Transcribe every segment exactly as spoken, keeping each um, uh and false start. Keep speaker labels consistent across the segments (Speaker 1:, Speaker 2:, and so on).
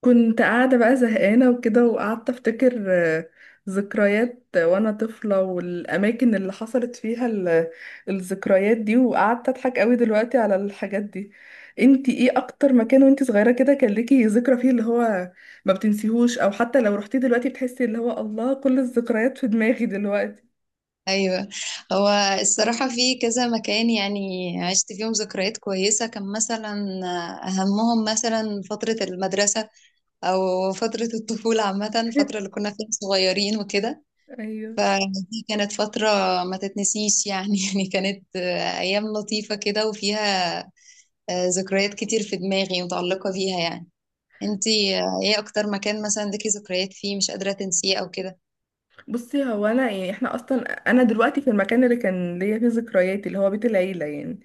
Speaker 1: كنت قاعدة بقى زهقانة وكده وقعدت أفتكر آه، ذكريات وأنا طفلة والأماكن اللي حصلت فيها ال- الذكريات دي، وقعدت أضحك قوي دلوقتي على الحاجات دي. انتي ايه أكتر مكان وانتي صغيرة كده كان ليكي ذكرى فيه اللي هو ما بتنسيهوش، أو حتى لو رحتي دلوقتي بتحسي اللي هو الله كل الذكريات في دماغي دلوقتي؟
Speaker 2: ايوه. هو الصراحه في كذا مكان، يعني عشت فيهم ذكريات كويسه. كان مثلا اهمهم مثلا فتره المدرسه او فتره الطفوله عامه، الفتره اللي كنا فيها صغيرين وكده.
Speaker 1: ايوه.
Speaker 2: فدي كانت فتره ما تتنسيش يعني. يعني كانت ايام لطيفه كده وفيها ذكريات كتير في دماغي متعلقه بيها يعني. انتي ايه اكتر مكان مثلا ليكي ذكريات فيه مش قادره تنسيه او كده؟
Speaker 1: بصي، هو انا يعني احنا اصلا انا دلوقتي في المكان اللي كان ليا فيه ذكرياتي اللي هو بيت العيله يعني.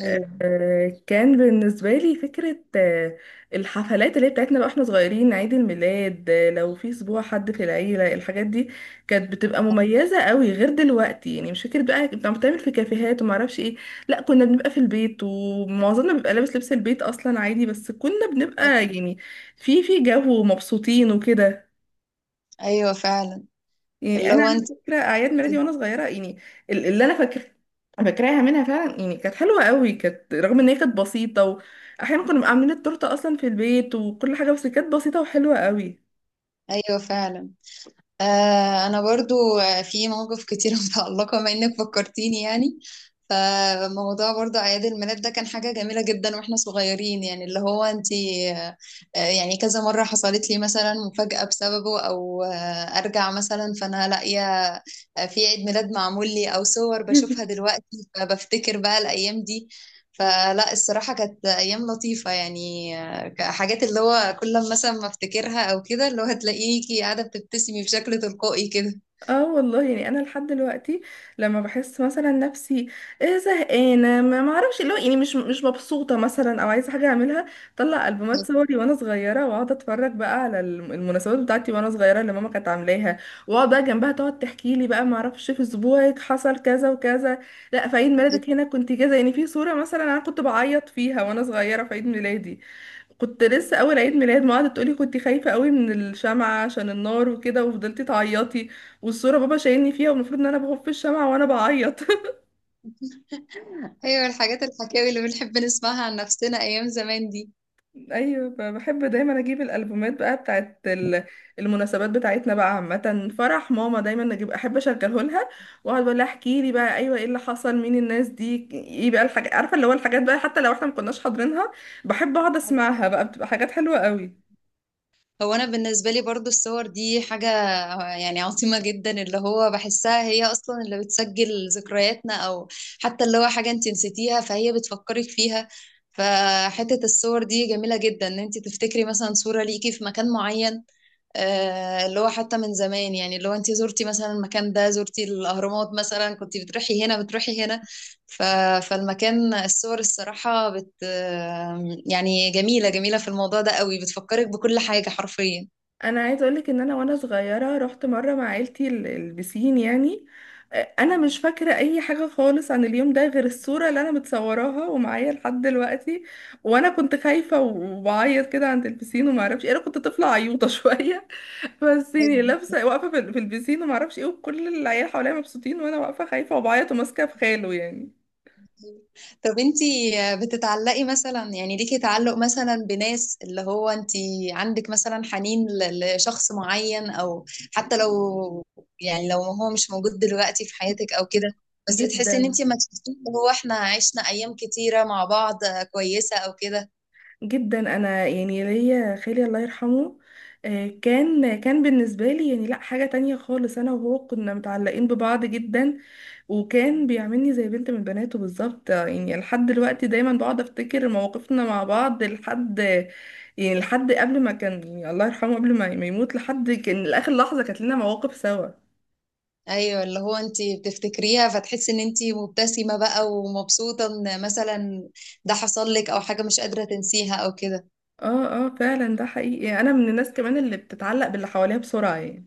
Speaker 2: ايوه،
Speaker 1: آه، كان بالنسبة لي فكرة آه، الحفلات اللي هي بتاعتنا بقى واحنا صغيرين، عيد الميلاد، آه، لو في اسبوع حد في العيلة، الحاجات دي كانت بتبقى مميزة قوي غير دلوقتي. يعني مش فكرة بقى كنت عم بتعمل في كافيهات وما اعرفش ايه، لا، كنا بنبقى في البيت ومعظمنا بيبقى لابس لبس البيت اصلا عادي، بس كنا بنبقى يعني في في جو مبسوطين وكده.
Speaker 2: ايوه فعلا.
Speaker 1: يعني
Speaker 2: اللي
Speaker 1: انا
Speaker 2: هو
Speaker 1: على
Speaker 2: انت.
Speaker 1: فكره اعياد ميلادي وانا صغيره يعني ال- اللي انا فاكر فاكراها منها فعلا، يعني كانت حلوه قوي، كانت رغم ان هي كانت بسيطه، واحيانا كنا بنبقى عاملين التورته اصلا في البيت وكل حاجه، بس كانت بسيطه وحلوه قوي.
Speaker 2: ايوه فعلا. آه انا برضو آه، في مواقف كتير متعلقه بما انك فكرتيني يعني. فموضوع برضو اعياد الميلاد ده كان حاجه جميله جدا واحنا صغيرين يعني، اللي هو انتي. آه، آه، يعني كذا مره حصلت لي مثلا مفاجاه بسببه، او آه، ارجع مثلا فانا لاقيه آه، في عيد ميلاد معمول لي، او صور بشوفها دلوقتي فبفتكر بقى الايام دي. فلا، الصراحه كانت ايام لطيفه يعني. حاجات اللي هو كل لما مثلا ما افتكرها او كده اللي هو هتلاقيكي قاعده بتبتسمي بشكل تلقائي كده.
Speaker 1: اه والله، يعني انا لحد دلوقتي لما بحس مثلا نفسي إيه زهقانه، ما ما اعرفش، اللي هو يعني مش مش مبسوطه مثلا او عايزه حاجه اعملها، طلع البومات صوري وانا صغيره واقعد اتفرج بقى على الم- المناسبات بتاعتي وانا صغيره اللي ماما كانت عاملاها، واقعد بقى جنبها تقعد تحكي لي بقى ما اعرفش، في اسبوعك حصل كذا وكذا، لا في عيد ميلادك هنا كنت كذا، يعني في صوره مثلا انا كنت بعيط فيها وانا صغيره في عيد ميلادي، كنت لسه اول عيد ميلاد، ما قعدت تقولي كنت خايفه قوي من الشمعه عشان النار وكده وفضلتي تعيطي، والصوره بابا شايلني فيها والمفروض ان انا بخف الشمعه وانا بعيط.
Speaker 2: ايوه، الحاجات الحكاوي اللي بنحب نسمعها عن نفسنا ايام زمان دي.
Speaker 1: ايوه، ب- بحب دايما اجيب الالبومات بقى بتاعت ال- المناسبات بتاعتنا بقى عامه، فرح ماما دايما اجيب احب اشغله لها، واقعد بقول لها احكي لي بقى، ايوه ايه اللي حصل، مين الناس دي، ايه بقى الحاجات، عارفه اللي هو الحاجات بقى حتى لو احنا ما كناش حاضرينها. بحب اقعد اسمعها بقى، بتبقى حاجات حلوه قوي.
Speaker 2: هو انا بالنسبه لي برضو الصور دي حاجه يعني عظيمه جدا. اللي هو بحسها هي اصلا اللي بتسجل ذكرياتنا، او حتى اللي هو حاجه انت نسيتيها فهي بتفكرك فيها. فحته الصور دي جميله جدا ان انت تفتكري مثلا صوره ليكي في مكان معين. آه، اللي هو حتى من زمان يعني، اللي هو انت زرتي مثلا المكان ده، زرتي الأهرامات مثلا، كنت بتروحي هنا بتروحي هنا. ف... فالمكان، الصور الصراحة بت آه، يعني جميلة جميلة في الموضوع ده قوي، بتفكرك بكل حاجة حرفيا.
Speaker 1: انا عايزه اقولك ان انا وانا صغيره رحت مره مع عيلتي ال- البسين يعني. آه، انا مش فاكره اي حاجه خالص عن اليوم ده غير الصوره اللي انا متصوراها ومعايا لحد دلوقتي، وانا كنت خايفه وبعيط كده عند البسين وما اعرفش إيه. انا كنت طفله عيوطه شويه، بس يعني لابسه واقفه في ال- في البسين وما اعرفش ايه، وكل العيال حواليا مبسوطين وانا واقفه خايفه وبعيط وماسكه في خاله يعني.
Speaker 2: طب انتي بتتعلقي مثلا، يعني ليكي تعلق مثلا بناس، اللي هو انتي عندك مثلا حنين ل- لشخص معين، او حتى لو، يعني لو هو مش موجود دلوقتي في حياتك او كده، بس بتحسي ان
Speaker 1: جدا.
Speaker 2: انتي ما تشوفيه، اللي هو احنا عشنا ايام كتيرة مع بعض كويسة او كده.
Speaker 1: جدا، انا يعني ليا خالي الله يرحمه، آه، كان كان بالنسبه لي يعني لا حاجه تانية خالص، انا وهو كنا متعلقين ببعض جدا، وكان بيعاملني زي بنت من بناته بالظبط، آه، يعني لحد دلوقتي دايما بقعد افتكر مواقفنا مع بعض لحد، يعني لحد قبل ما كان يعني الله يرحمه قبل ما ما يموت، لحد كان لاخر لحظه كانت لنا مواقف سوا.
Speaker 2: ايوه، اللي هو انتي بتفتكريها فتحسي ان انتي مبتسمة بقى ومبسوطة ان مثلا ده حصل لك، او حاجة مش قادرة تنسيها او كده.
Speaker 1: اه اه، فعلا ده حقيقي، انا من الناس كمان اللي بتتعلق باللي حواليها بسرعه يعني.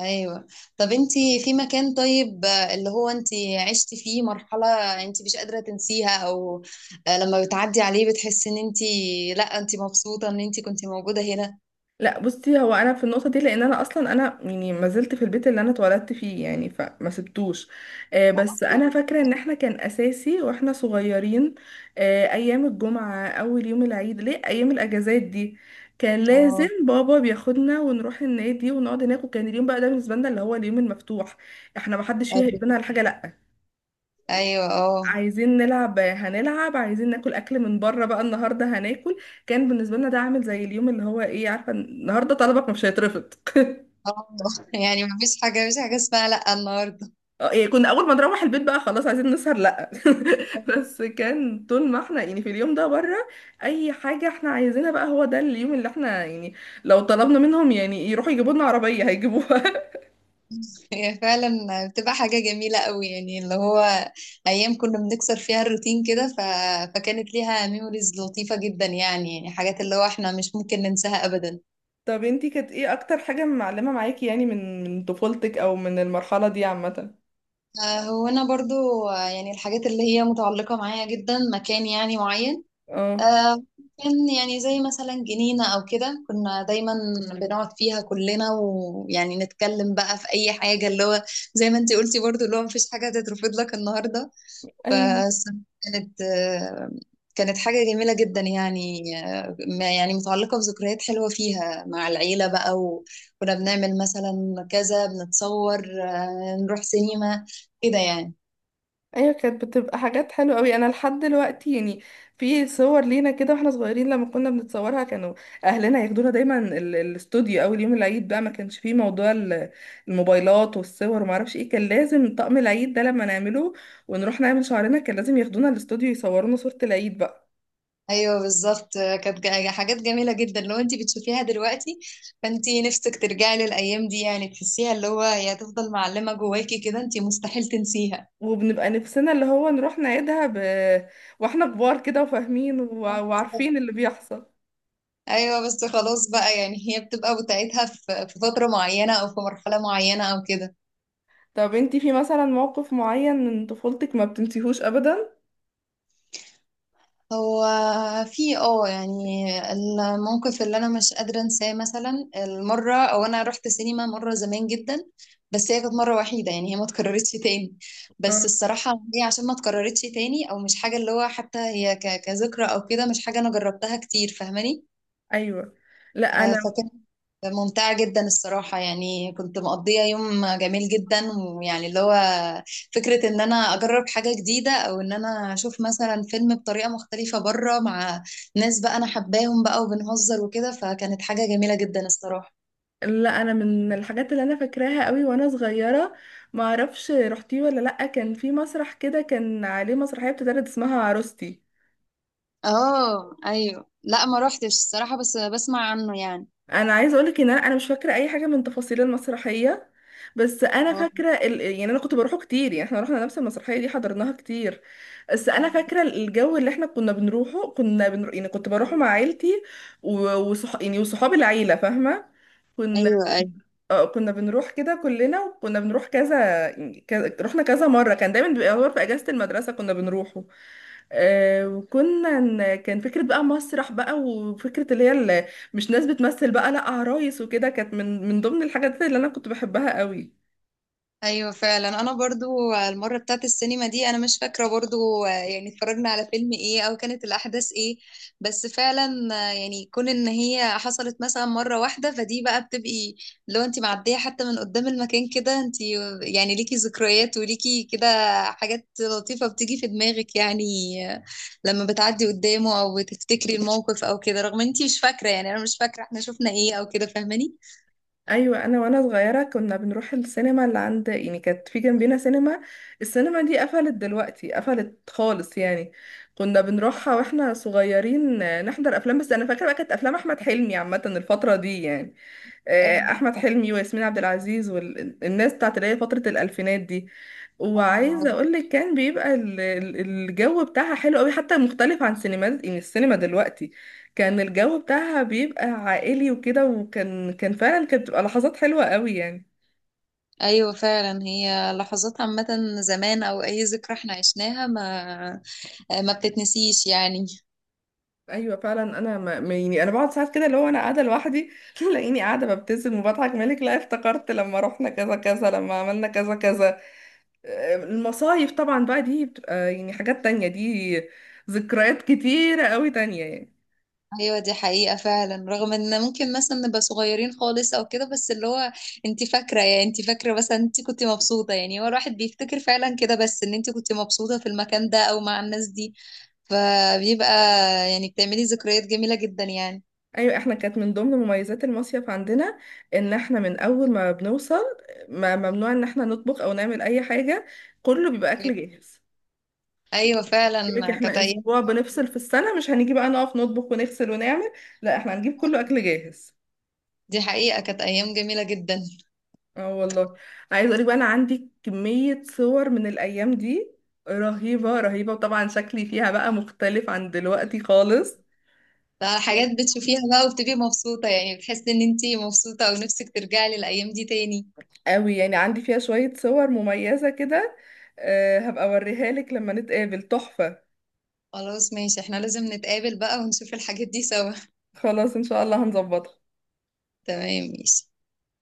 Speaker 2: ايوه. طب انتي في مكان طيب، آه، اللي هو انتي عشتي فيه مرحلة انتي مش قادرة تنسيها، او آه، لما بتعدي عليه بتحسي ان انتي، لا، انتي مبسوطة ان انتي كنتي موجودة هنا؟
Speaker 1: لا، بصي، هو انا في النقطه دي لان انا اصلا انا يعني ما زلت في البيت اللي انا اتولدت فيه يعني فما سبتوش. آه،
Speaker 2: لا
Speaker 1: بس
Speaker 2: أصلاً.
Speaker 1: انا فاكره ان احنا كان اساسي واحنا صغيرين، آه، ايام الجمعه، اول يوم العيد، ليه، ايام الاجازات دي كان لازم
Speaker 2: اه.
Speaker 1: بابا بياخدنا ونروح النادي ونقعد هناك، وكان اليوم بقى ده بالنسبه لنا اللي هو اليوم المفتوح. احنا ما حدش فيها
Speaker 2: ايوه.
Speaker 1: يقولنا على حاجه لا،
Speaker 2: ايوه. اه.
Speaker 1: عايزين نلعب هنلعب، عايزين ناكل اكل من بره بقى النهارده هناكل، كان بالنسبه لنا ده عامل زي اليوم اللي هو ايه، عارفه، النهارده طلبك مش هيترفض.
Speaker 2: آه. يعني مفيش حاجة، مفيش حاجة اسمها لا النهاردة.
Speaker 1: اه، يعني كنا اول ما نروح البيت بقى خلاص عايزين نسهر لا. بس كان طول ما احنا يعني في اليوم ده بره اي حاجه احنا عايزينها بقى، هو ده اليوم اللي احنا يعني لو طلبنا منهم يعني يروحوا يجيبوا لنا عربيه هيجيبوها.
Speaker 2: هي فعلا بتبقى حاجة جميلة قوي يعني، اللي هو ايام كنا بنكسر فيها الروتين كده. ف... فكانت ليها ميموريز لطيفة جدا يعني يعني حاجات اللي هو احنا مش ممكن ننساها ابدا.
Speaker 1: طب انتي كانت ايه اكتر حاجه معلمه معاكي، يعني من من طفولتك او من المرحله دي عامه؟
Speaker 2: آه، هو أنا برضو آه، يعني الحاجات اللي هي متعلقة معايا جدا مكان يعني معين.
Speaker 1: اه.
Speaker 2: آه، كان يعني زي مثلا جنينة أو كده، كنا دايما بنقعد فيها كلنا، ويعني نتكلم بقى في أي حاجة، اللي هو زي ما انتي قلتي برضو، اللي هو مفيش حاجة هتترفض لك النهاردة.
Speaker 1: ايوه.
Speaker 2: فكانت كانت آه، كانت حاجة جميلة جدا يعني. آه، ما- يعني متعلقة بذكريات حلوة فيها مع العيلة بقى، وكنا بنعمل مثلا كذا، بنتصور آه، نروح سينما كده يعني.
Speaker 1: ايوه، كانت بتبقى حاجات حلوه قوي. انا لحد دلوقتي يعني في صور لينا كده واحنا صغيرين لما كنا بنتصورها، كانوا اهلنا ياخدونا دايما ال- الاستوديو اول يوم العيد بقى، ما كانش فيه موضوع ال- الموبايلات والصور وما اعرفش ايه، كان لازم طقم العيد ده لما نعمله ونروح نعمل شعرنا، كان لازم ياخدونا الاستوديو يصورونا صوره العيد بقى.
Speaker 2: ايوه بالظبط، كانت جا- يعني حاجات جميله جدا. لو انت بتشوفيها دلوقتي فانت نفسك ترجعي للايام دي يعني، تحسيها اللي هو هي هتفضل معلمه جواكي كده، انت مستحيل تنسيها.
Speaker 1: وبنبقى نفسنا اللي هو نروح نعيدها ب... واحنا كبار كده وفاهمين وع- وعارفين اللي بيحصل.
Speaker 2: ايوه. بس خلاص بقى، يعني هي بتبقى بتاعتها في في فتره معينه او في مرحله معينه او كده.
Speaker 1: طب انتي في مثلا موقف معين من طفولتك ما بتنسيهوش ابدا؟
Speaker 2: هو في اه يعني الموقف اللي انا مش قادره انساه، مثلا المره او انا رحت سينما مره زمان جدا، بس هي كانت مره وحيده، يعني هي ما اتكررتش تاني. بس الصراحه هي عشان ما اتكررتش تاني، او مش حاجه اللي هو حتى هي ك- كذكرى او كده، مش حاجه انا جربتها كتير، فاهماني.
Speaker 1: ايوه. لا
Speaker 2: آه،
Speaker 1: انا،
Speaker 2: فكانت ممتعة جدا الصراحة، يعني كنت مقضية يوم جميل جدا، ويعني اللي هو فكرة ان انا اجرب حاجة جديدة، او ان انا اشوف مثلا فيلم بطريقة مختلفة بره مع ناس بقى انا حباهم بقى وبنهزر وكده، فكانت حاجة جميلة جدا الصراحة.
Speaker 1: لا انا من الحاجات اللي انا فاكراها قوي وانا صغيره، ما اعرفش رحتيه ولا لا، كان في مسرح كده كان عليه مسرحيه بتتعرض اسمها عروستي.
Speaker 2: اه، ايوه، لا ما روحتش الصراحة، بس بسمع عنه يعني.
Speaker 1: انا عايزه اقولك ان انا أنا مش فاكره اي حاجه من تفاصيل المسرحيه، بس انا
Speaker 2: اه،
Speaker 1: فاكره ال... يعني انا كنت بروحه كتير، يعني احنا رحنا نفس المسرحيه دي حضرناها كتير، بس انا فاكره الجو اللي احنا كنا بنروحه، كنا بنر... يعني كنت بروحه مع عيلتي و... وصح... يعني وصحاب العيله فاهمه، كنا،
Speaker 2: ايوه،
Speaker 1: اه كنا بنروح كده كلنا، وكنا بنروح كذا يعني كذا، رحنا كذا مرة، كان دايما بيبقى هو في أجازة المدرسة كنا بنروحه. آه وكنا ن- كان فكرة بقى مسرح بقى، وفكرة اللي هي اللي مش ناس بتمثل بقى، لا عرايس وكده، كانت من من ضمن الحاجات اللي أنا كنت بحبها قوي.
Speaker 2: ايوه فعلا. انا برضو المره بتاعت السينما دي انا مش فاكره برضو، آه، يعني اتفرجنا على فيلم ايه او كانت الاحداث ايه، بس فعلا آه، يعني كون ان هي حصلت مثلا مره واحده فدي بقى بتبقي، لو انت معديه حتى من قدام المكان كده، انت يعني ليكي ذكريات وليكي كده حاجات لطيفه بتيجي في دماغك يعني. آه، لما بتعدي قدامه او بتفتكري الموقف او كده، رغم انت مش فاكره، يعني انا مش فاكره احنا شفنا ايه او كده، فاهماني.
Speaker 1: ايوه. انا وانا صغيره كنا بنروح السينما اللي عند، يعني كانت في جنبنا سينما، السينما دي قفلت دلوقتي، قفلت خالص يعني، كنا بنروحها واحنا صغيرين، آه، نحضر افلام، بس انا فاكره بقى كانت افلام احمد حلمي عامه الفتره دي يعني،
Speaker 2: اه،
Speaker 1: آه، احمد حلمي وياسمين عبد العزيز والناس بتاعت اللي هي فتره الالفينات دي. وعايزه
Speaker 2: اه،
Speaker 1: اقول لك كان بيبقى ال- ال- الجو بتاعها حلو قوي، حتى مختلف عن سينمات يعني السينما دلوقتي، كان الجو بتاعها بيبقى عائلي وكده، وكان كان فعلا كانت بتبقى لحظات حلوه قوي يعني.
Speaker 2: ايوه فعلا. هي لحظات عامة زمان، او اي ذكرى احنا عشناها ما ما بتتنسيش يعني.
Speaker 1: ايوه فعلا. انا ما ما- يعني انا بقعد ساعات كده اللي هو انا قاعده لوحدي تلاقيني قاعده ببتسم وبضحك، مالك، لا افتكرت لما رحنا كذا كذا، لما عملنا كذا كذا. المصايف طبعا بقى دي بتبقى يعني حاجات تانية دي، ذكريات كتيرة قوي تانية يعني.
Speaker 2: ايوه، دي حقيقة فعلا. رغم ان ممكن مثلا نبقى صغيرين خالص او كده، بس اللي هو انت فاكرة، يعني انت فاكرة مثلا انت كنت مبسوطة، يعني هو الواحد بيفتكر فعلا كده، بس ان انت كنت مبسوطة في المكان ده او مع الناس دي، فبيبقى يعني بتعملي ذكريات جميلة جدا يعني.
Speaker 1: ايوه احنا كانت من ضمن مميزات المصيف عندنا ان احنا من اول ما بنوصل، ما ممنوع ان احنا نطبخ او نعمل اي حاجة، كله بيبقى اكل
Speaker 2: ايوه،
Speaker 1: جاهز.
Speaker 2: أيوة
Speaker 1: يقولك
Speaker 2: فعلا، كانت
Speaker 1: احنا
Speaker 2: ايام.
Speaker 1: اسبوع بنفصل في السنة، مش هنيجي بقى نقف نطبخ ونغسل ونعمل، لا احنا هنجيب كله اكل جاهز.
Speaker 2: دي حقيقة كانت ايام جميلة جدا.
Speaker 1: اه والله. عايزه اقول لك بقى انا عندي كميه صور من الايام دي رهيبه، رهيبه، وطبعا شكلي فيها بقى مختلف عن دلوقتي خالص.
Speaker 2: ده حاجات بتشوفيها بقى وبتبقي مبسوطة، يعني بتحسي ان انتي مبسوطة ونفسك ترجعي للأيام دي تاني.
Speaker 1: قوي يعني، عندي فيها شويه صور مميزه كده، أه هبقى اوريها لك لما نتقابل، تحفه.
Speaker 2: خلاص ماشي، احنا لازم نتقابل بقى ونشوف الحاجات دي سوا.
Speaker 1: خلاص ان شاء الله هنظبطها.
Speaker 2: تمام ماشي.